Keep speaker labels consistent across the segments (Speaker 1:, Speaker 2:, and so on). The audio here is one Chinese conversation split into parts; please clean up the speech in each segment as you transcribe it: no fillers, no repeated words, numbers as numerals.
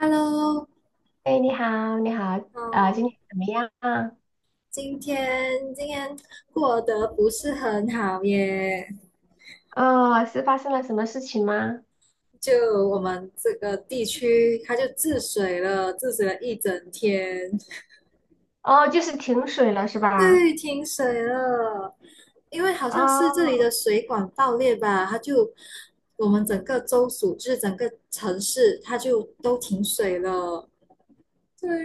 Speaker 1: Hello，
Speaker 2: 哎，你好，你好，
Speaker 1: 嗯，
Speaker 2: 今天怎么样啊？
Speaker 1: 今天过得不是很好耶。
Speaker 2: 哦，是发生了什么事情吗？
Speaker 1: 就我们这个地区，它就治水了，治水了一整天。
Speaker 2: 哦，就是停水了是吧？
Speaker 1: 对，停水了。因为好像是这里的
Speaker 2: 哦，
Speaker 1: 水管爆裂吧，它就我们整个州属，就是整个城市，它就都停水了。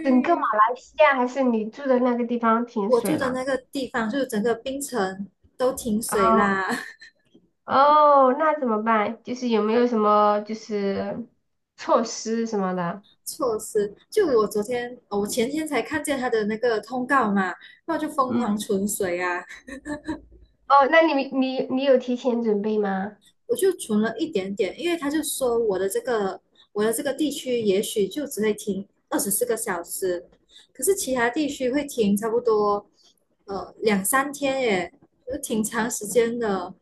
Speaker 2: 整个马来西亚还是你住的那个地方停
Speaker 1: 我
Speaker 2: 水
Speaker 1: 住的
Speaker 2: 了？
Speaker 1: 那个地方，就是整个冰城都停
Speaker 2: 哦，
Speaker 1: 水啦。
Speaker 2: 哦，那怎么办？就是有没有什么就是措施什么的？
Speaker 1: 措施。就我昨天，哦，我前天才看见他的那个通告嘛，然后就疯狂
Speaker 2: 嗯，
Speaker 1: 存水啊。
Speaker 2: 哦，那你们你有提前准备吗？
Speaker 1: 我就存了一点点，因为他就说我的这个地区也许就只会停24个小时，可是其他地区会停差不多两三天耶，就挺长时间的。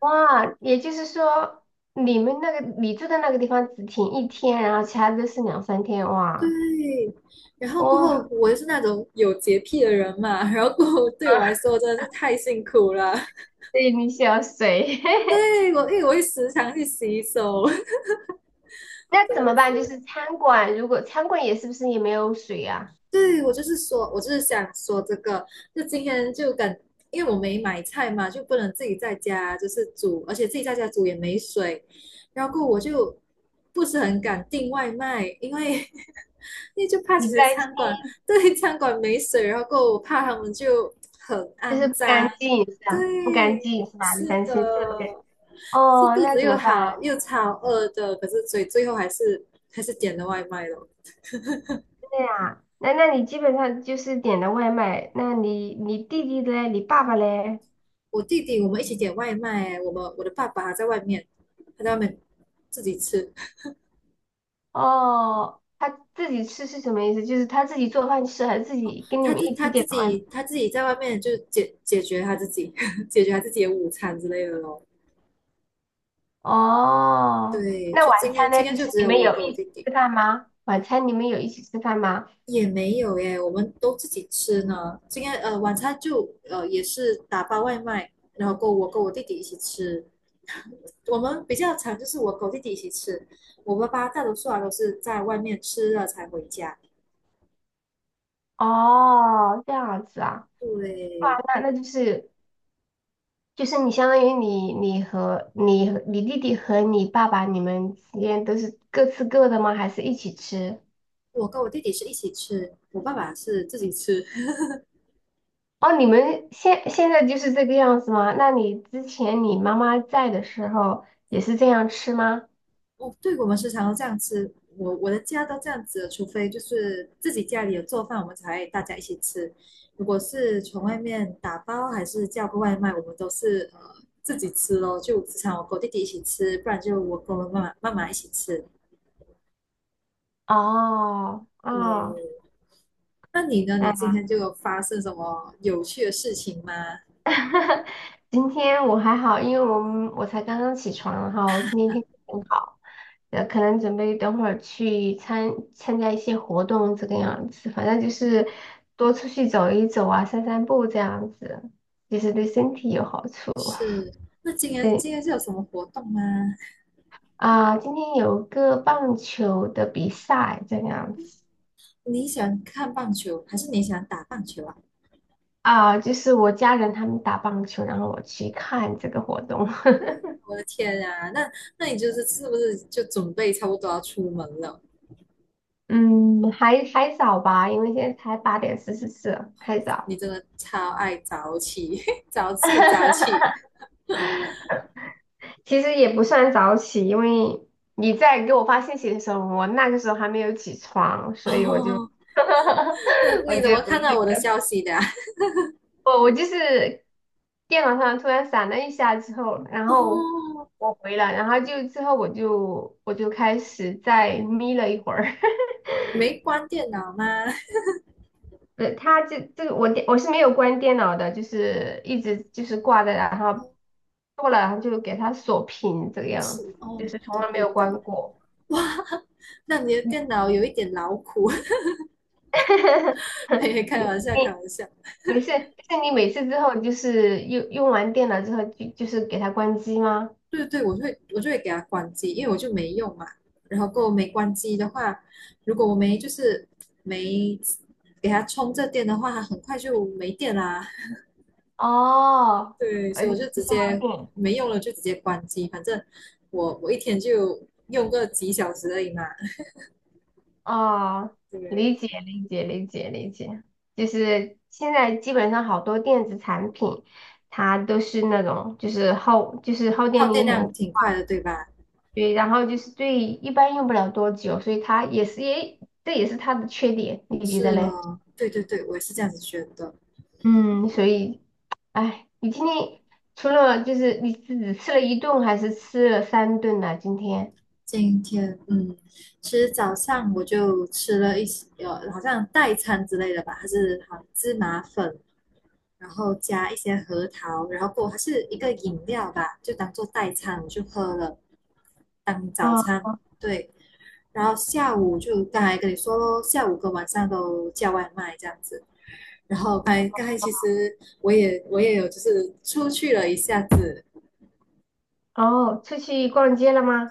Speaker 2: 哇，也就是说你住的那个地方只停一天，然后其他都是两三天，哇，
Speaker 1: 对，然后过后
Speaker 2: 哇。
Speaker 1: 我又是那种有洁癖的人嘛，然后过后对我来 说真的是太辛苦了。
Speaker 2: 对，你需要水。
Speaker 1: 对，因为我会时常去洗手。
Speaker 2: 那
Speaker 1: 真
Speaker 2: 怎么办？就
Speaker 1: 是
Speaker 2: 是餐馆，如果餐馆也是不是也没有水啊？
Speaker 1: 对我就是说，我就是想说这个，就今天就感。因为我没买菜嘛，就不能自己在家就是煮，而且自己在家煮也没水，然后过我就不是很敢订外卖，因为 因为就怕其
Speaker 2: 你
Speaker 1: 实
Speaker 2: 担心
Speaker 1: 餐馆对餐馆没水，然后过我怕他们就很
Speaker 2: 就
Speaker 1: 肮
Speaker 2: 是不
Speaker 1: 脏。
Speaker 2: 干净是吧？不干
Speaker 1: 对，
Speaker 2: 净是吧？你
Speaker 1: 是
Speaker 2: 担心吃的不干净。
Speaker 1: 的。可是
Speaker 2: 哦，
Speaker 1: 肚
Speaker 2: 那
Speaker 1: 子
Speaker 2: 怎
Speaker 1: 又
Speaker 2: 么办？
Speaker 1: 好又超饿的，可是所以最后还是点了外卖了。
Speaker 2: 对呀，那你基本上就是点的外卖，那你弟弟嘞，你爸爸嘞？
Speaker 1: 我弟弟我们一起点外卖，我的爸爸还在外面，他在外面自己吃。
Speaker 2: 哦，他自己吃是什么意思？就是他自己做饭吃，还是自己跟你
Speaker 1: 他
Speaker 2: 们
Speaker 1: 自
Speaker 2: 一
Speaker 1: 他
Speaker 2: 起
Speaker 1: 自
Speaker 2: 点的外卖？
Speaker 1: 己他自己在外面就解决他自己 解决他自己的午餐之类的咯。
Speaker 2: 哦，
Speaker 1: 对，
Speaker 2: 那
Speaker 1: 就
Speaker 2: 晚
Speaker 1: 今天
Speaker 2: 餐
Speaker 1: 今
Speaker 2: 呢？
Speaker 1: 天
Speaker 2: 就
Speaker 1: 就
Speaker 2: 是
Speaker 1: 只
Speaker 2: 你
Speaker 1: 有
Speaker 2: 们
Speaker 1: 我
Speaker 2: 有
Speaker 1: 跟我
Speaker 2: 一起
Speaker 1: 弟弟，
Speaker 2: 吃饭吗？晚餐你们有一起吃饭吗？
Speaker 1: 也没有耶，我们都自己吃呢。今天晚餐就也是打包外卖，然后跟我弟弟一起吃。我们比较常就是我跟我弟弟一起吃，我爸爸大多数啊都是在外面吃了才回家。
Speaker 2: 哦，这样子啊，哇，
Speaker 1: 对，
Speaker 2: 那那就是就是你相当于你和你弟弟和你爸爸你们之间都是各吃各的吗？还是一起吃？
Speaker 1: 我跟我弟弟是一起吃，我爸爸是自己吃。
Speaker 2: 哦，你们现在就是这个样子吗？那你之前你妈妈在的时候也是这样吃吗？
Speaker 1: 哦，对，我们时常都这样吃。我的家都这样子，除非就是自己家里有做饭，我们才大家一起吃。如果是从外面打包还是叫个外卖，我们都是自己吃咯。就时常我跟我弟弟一起吃，不然就我跟我妈妈一起吃。
Speaker 2: 哦
Speaker 1: 对。
Speaker 2: 哦，
Speaker 1: 那你呢？你今
Speaker 2: 哎。
Speaker 1: 天就有发生什么有趣的事情吗？
Speaker 2: 今天我还好，因为我才刚刚起床，然后今天天气很好，可能准备等会儿去参加一些活动这个样子，反正就是多出去走一走啊，散散步这样子，其实对身体有好处。
Speaker 1: 是。那今天
Speaker 2: 对
Speaker 1: 今天是有什么活动吗？
Speaker 2: 啊，今天有个棒球的比赛这个样子
Speaker 1: 你喜欢看棒球，还是你喜欢打棒球啊？
Speaker 2: 啊，就是我家人他们打棒球，然后我去看这个活动。
Speaker 1: 我的天啊，那你就是是不是就准备差不多要出门了？
Speaker 2: 嗯，还早吧，因为现在才8:44，还早。
Speaker 1: 你真的超爱早起，早睡早起
Speaker 2: 其实也不算早起，因为你在给我发信息的时候，我那个时候还没有起床，所以我就，
Speaker 1: 哦。那
Speaker 2: 我
Speaker 1: 你怎
Speaker 2: 就
Speaker 1: 么看到
Speaker 2: 那
Speaker 1: 我的
Speaker 2: 个，
Speaker 1: 消息的啊？
Speaker 2: 我就是电脑上突然闪了一下之后，然后
Speaker 1: 哦，
Speaker 2: 我回了，然后就之后我就开始再眯了一会儿。
Speaker 1: 你没关电脑吗？
Speaker 2: 它这个我是没有关电脑的，就是一直就是挂着，然后过了，然后就给它锁屏这个样
Speaker 1: 是
Speaker 2: 子，就
Speaker 1: 哦，
Speaker 2: 是从
Speaker 1: 对
Speaker 2: 来没
Speaker 1: 对
Speaker 2: 有
Speaker 1: 对。
Speaker 2: 关过。
Speaker 1: 那你的
Speaker 2: 你
Speaker 1: 电脑有一点劳苦。嘿开
Speaker 2: 你
Speaker 1: 玩笑，开
Speaker 2: 你
Speaker 1: 玩笑。
Speaker 2: 没事，就是你每次之后就是用完电脑之后就是给它关机吗？
Speaker 1: 对对，我就会给它关机，因为我就没用嘛。然后够没关机的话，如果我没就是没给它充这电的话，它很快就没电啦。
Speaker 2: 哦，
Speaker 1: 对，所
Speaker 2: 而
Speaker 1: 以我
Speaker 2: 且
Speaker 1: 就
Speaker 2: 是
Speaker 1: 直
Speaker 2: 消耗
Speaker 1: 接
Speaker 2: 电。
Speaker 1: 没用了，就直接关机。反正我一天就用个几小时而已嘛。
Speaker 2: 哦，
Speaker 1: 对。
Speaker 2: 理解理解理解理解，就是现在基本上好多电子产品，它都是那种就是耗电
Speaker 1: 耗电
Speaker 2: 力
Speaker 1: 量
Speaker 2: 很，
Speaker 1: 挺快的，对吧？
Speaker 2: 对，然后就是对一般用不了多久，所以它也是也是它的缺点，你觉得
Speaker 1: 是
Speaker 2: 嘞？
Speaker 1: 哦，对对对，我也是这样子觉得。
Speaker 2: 嗯，所以哎，你今天除了就是你是只吃了一顿还是吃了三顿呢？今天
Speaker 1: 今天，嗯，其实早上我就吃了一些，好像代餐之类的吧，还是好像芝麻粉，然后加一些核桃，然后过还是一个饮料吧，就当做代餐我就喝了，当早
Speaker 2: 啊，
Speaker 1: 餐。对。然后下午就刚才跟你说咯，下午跟晚上都叫外卖这样子。然后刚才其实我也有就是出去了一下子。
Speaker 2: 哦，出去逛街了吗？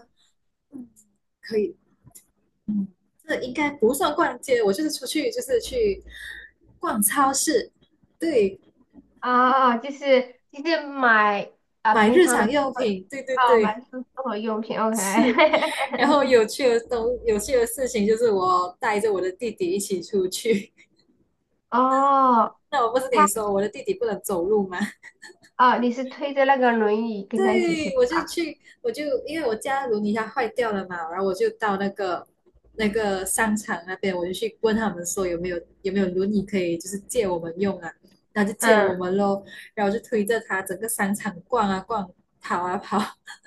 Speaker 1: 可以嗯，这应该不算逛街，我就是出去就是去逛超市。对，
Speaker 2: 啊，就是买。啊，
Speaker 1: 买
Speaker 2: 平
Speaker 1: 日
Speaker 2: 常的
Speaker 1: 常用品，对对
Speaker 2: 哦，买
Speaker 1: 对。
Speaker 2: 生活用品，OK。
Speaker 1: 是。然后 有趣的东，有趣的事情就是我带着我的弟弟一起出去。
Speaker 2: 哦，
Speaker 1: 那我不是跟你
Speaker 2: 他
Speaker 1: 说我的弟弟不能走路吗？
Speaker 2: 哦，你是推着那个轮椅跟他一起去
Speaker 1: 对，
Speaker 2: 的，
Speaker 1: 我就去，我就因为我家轮椅它坏掉了嘛，然后我就到那个商场那边，我就去问他们说有没有轮椅可以就是借我们用啊，然后就借我
Speaker 2: 嗯，
Speaker 1: 们咯。然后就推着它整个商场逛啊逛，跑啊跑。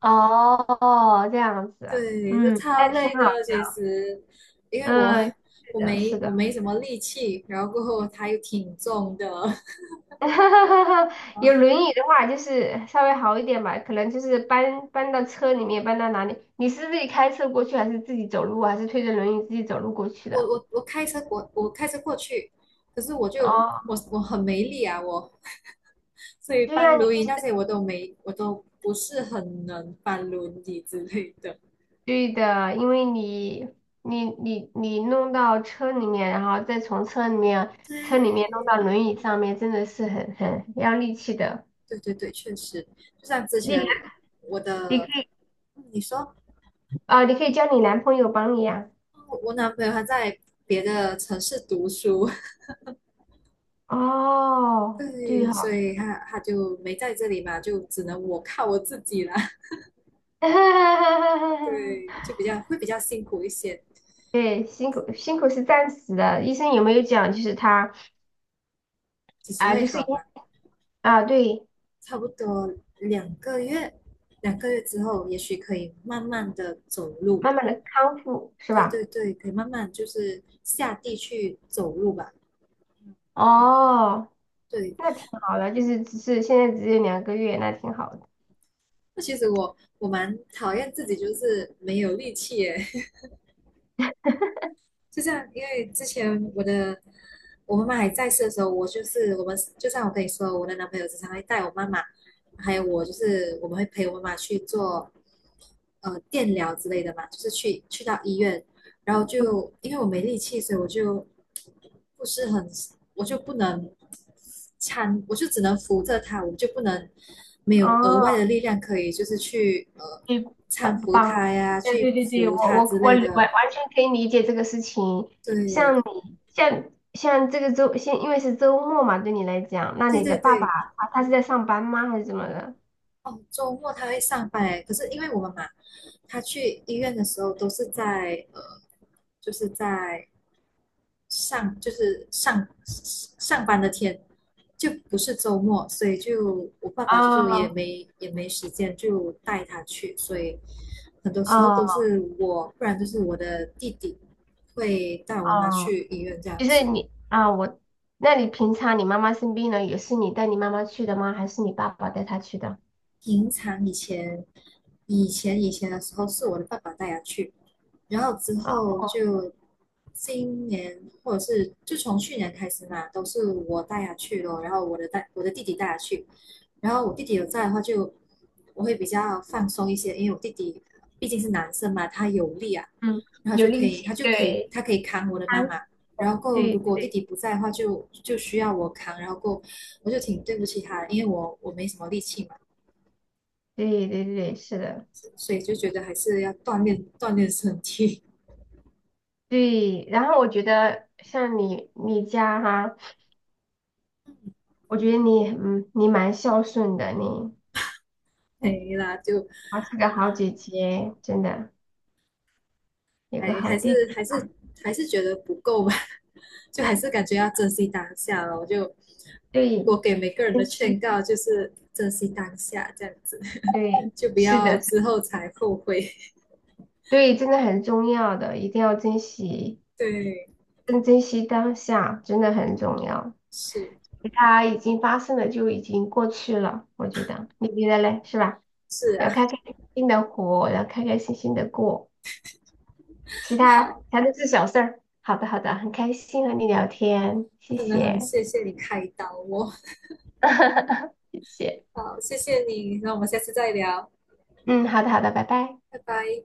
Speaker 2: 哦，这样子啊，
Speaker 1: 对，就
Speaker 2: 嗯，那
Speaker 1: 超
Speaker 2: 挺
Speaker 1: 累
Speaker 2: 好
Speaker 1: 的
Speaker 2: 的，
Speaker 1: 其实，因为我
Speaker 2: 嗯，是
Speaker 1: 我
Speaker 2: 的，
Speaker 1: 没
Speaker 2: 是
Speaker 1: 我
Speaker 2: 的，
Speaker 1: 没什么力气，然后过后它又挺重的 啊，
Speaker 2: 有轮椅的话就是稍微好一点吧，可能就是搬到车里面，搬到哪里？你是自己开车过去，还是自己走路啊，还是推着轮椅自己走路过去的？
Speaker 1: 我开车过去。可是我就
Speaker 2: 哦，
Speaker 1: 我我很没力啊。所以
Speaker 2: 对
Speaker 1: 搬
Speaker 2: 呀，
Speaker 1: 轮椅那
Speaker 2: 你
Speaker 1: 些我都不是很能搬轮椅之类的。
Speaker 2: 对的，因为你你弄到车里面，然后再从车里面弄到轮椅上面，真的是很要力气的。
Speaker 1: 对对对，确实。就像之
Speaker 2: 你
Speaker 1: 前
Speaker 2: 男
Speaker 1: 我
Speaker 2: 你可
Speaker 1: 的，
Speaker 2: 以
Speaker 1: 嗯，你说
Speaker 2: 你可以叫你男朋友帮你呀、
Speaker 1: 我男朋友他在别的城市读书。
Speaker 2: 哦，对
Speaker 1: 对，所
Speaker 2: 哈、
Speaker 1: 以他就没在这里嘛，就只能我靠我自己啦。对，就比较辛苦一些。
Speaker 2: 对，辛苦辛苦是暂时的。医生有没有讲，就是他
Speaker 1: 几时
Speaker 2: 啊、
Speaker 1: 会
Speaker 2: 就是因
Speaker 1: 好嘛？
Speaker 2: 对，
Speaker 1: 差不多两个月，两个月之后也许可以慢慢的走路。
Speaker 2: 慢慢的康复是
Speaker 1: 对对
Speaker 2: 吧？
Speaker 1: 对，可以慢慢就是下地去走路吧。
Speaker 2: 哦，
Speaker 1: 对。
Speaker 2: 那挺好的，就是只是现在只有2个月，那挺好的。
Speaker 1: 那其实我蛮讨厌自己，就是没有力气耶。就像因为之前我妈妈还在世的时候，我就是我们就像我跟你说，我的男朋友经常会带我妈妈，还有我就是我们会陪我妈妈去做电疗之类的嘛，就是去到医院。然后就因为我没力气，所以我就不是很我就不能搀，我就只能扶着她，我就不能没有额外
Speaker 2: 哦。
Speaker 1: 的力量可以就是去
Speaker 2: 对，
Speaker 1: 搀
Speaker 2: 帮
Speaker 1: 扶
Speaker 2: 帮，
Speaker 1: 她呀，
Speaker 2: 对
Speaker 1: 去
Speaker 2: 对对对，我
Speaker 1: 扶她
Speaker 2: 我
Speaker 1: 之
Speaker 2: 我
Speaker 1: 类
Speaker 2: 完
Speaker 1: 的。
Speaker 2: 完全可以理解这个事情。
Speaker 1: 对。
Speaker 2: 像这个周，因为是周末嘛，对你来讲，那
Speaker 1: 对
Speaker 2: 你
Speaker 1: 对
Speaker 2: 的爸爸
Speaker 1: 对。
Speaker 2: 啊，他是在上班吗，还是怎么的？
Speaker 1: 哦，周末他会上班诶。可是因为我们嘛，他去医院的时候都是在就是在上班的天，就不是周末，所以就我爸爸就也
Speaker 2: 哦
Speaker 1: 没也没时间就带他去，所以很多时候都
Speaker 2: 哦
Speaker 1: 是我，不然就是我的弟弟会带我妈妈
Speaker 2: 哦，
Speaker 1: 去医院这样
Speaker 2: 就是
Speaker 1: 子。
Speaker 2: 你啊，我，那你平常你妈妈生病了，也是你带你妈妈去的吗？还是你爸爸带她去的？
Speaker 1: 平常以前的时候是我的爸爸带他去，然后之后
Speaker 2: 哦，
Speaker 1: 就今年或者是就从去年开始嘛，都是我带他去咯。然后我的弟弟带他去。然后我弟弟有在的话就我会比较放松一些，因为我弟弟毕竟是男生嘛，他有力啊，
Speaker 2: 嗯，
Speaker 1: 然后
Speaker 2: 有
Speaker 1: 就可
Speaker 2: 力
Speaker 1: 以他
Speaker 2: 气，
Speaker 1: 就可以
Speaker 2: 对，
Speaker 1: 他可以扛我的
Speaker 2: 他，
Speaker 1: 妈妈。然后
Speaker 2: 嗯，
Speaker 1: 够，
Speaker 2: 对
Speaker 1: 如果我弟
Speaker 2: 对
Speaker 1: 弟不在的话就需要我扛。然后够，我就挺对不起他的，因为我没什么力气嘛。
Speaker 2: 对对对对，是的。
Speaker 1: 所以就觉得还是要锻炼 锻炼身体。
Speaker 2: 对，然后我觉得像你你家哈，我觉得你你蛮孝顺的，你
Speaker 1: 没了就
Speaker 2: 还是个好姐姐，真的有
Speaker 1: 还
Speaker 2: 个好
Speaker 1: 还是
Speaker 2: 弟弟，
Speaker 1: 还是还是觉得不够吧，就还是感觉要珍惜当下了。我
Speaker 2: 对，
Speaker 1: 给每个人的
Speaker 2: 珍惜，
Speaker 1: 劝告就是珍惜当下，这样子
Speaker 2: 对，
Speaker 1: 就不
Speaker 2: 是
Speaker 1: 要
Speaker 2: 的，是
Speaker 1: 之后才后悔。
Speaker 2: 对，真的很重要的，一定要珍惜，
Speaker 1: 对，
Speaker 2: 更珍惜当下，真的很重要。
Speaker 1: 是
Speaker 2: 它已经发生了，就已经过去了，我觉得，你觉得嘞，是吧？
Speaker 1: 是
Speaker 2: 要
Speaker 1: 啊。
Speaker 2: 开开心心的活，要开开心心的过。其他
Speaker 1: 好，
Speaker 2: 全都是小事儿。好的，好的，很开心和你聊天，谢
Speaker 1: 真的很
Speaker 2: 谢，
Speaker 1: 谢谢你开导我。
Speaker 2: 谢谢。
Speaker 1: 好，谢谢你。那我们下次再聊。
Speaker 2: 嗯，好的，好的，拜拜。
Speaker 1: 拜拜。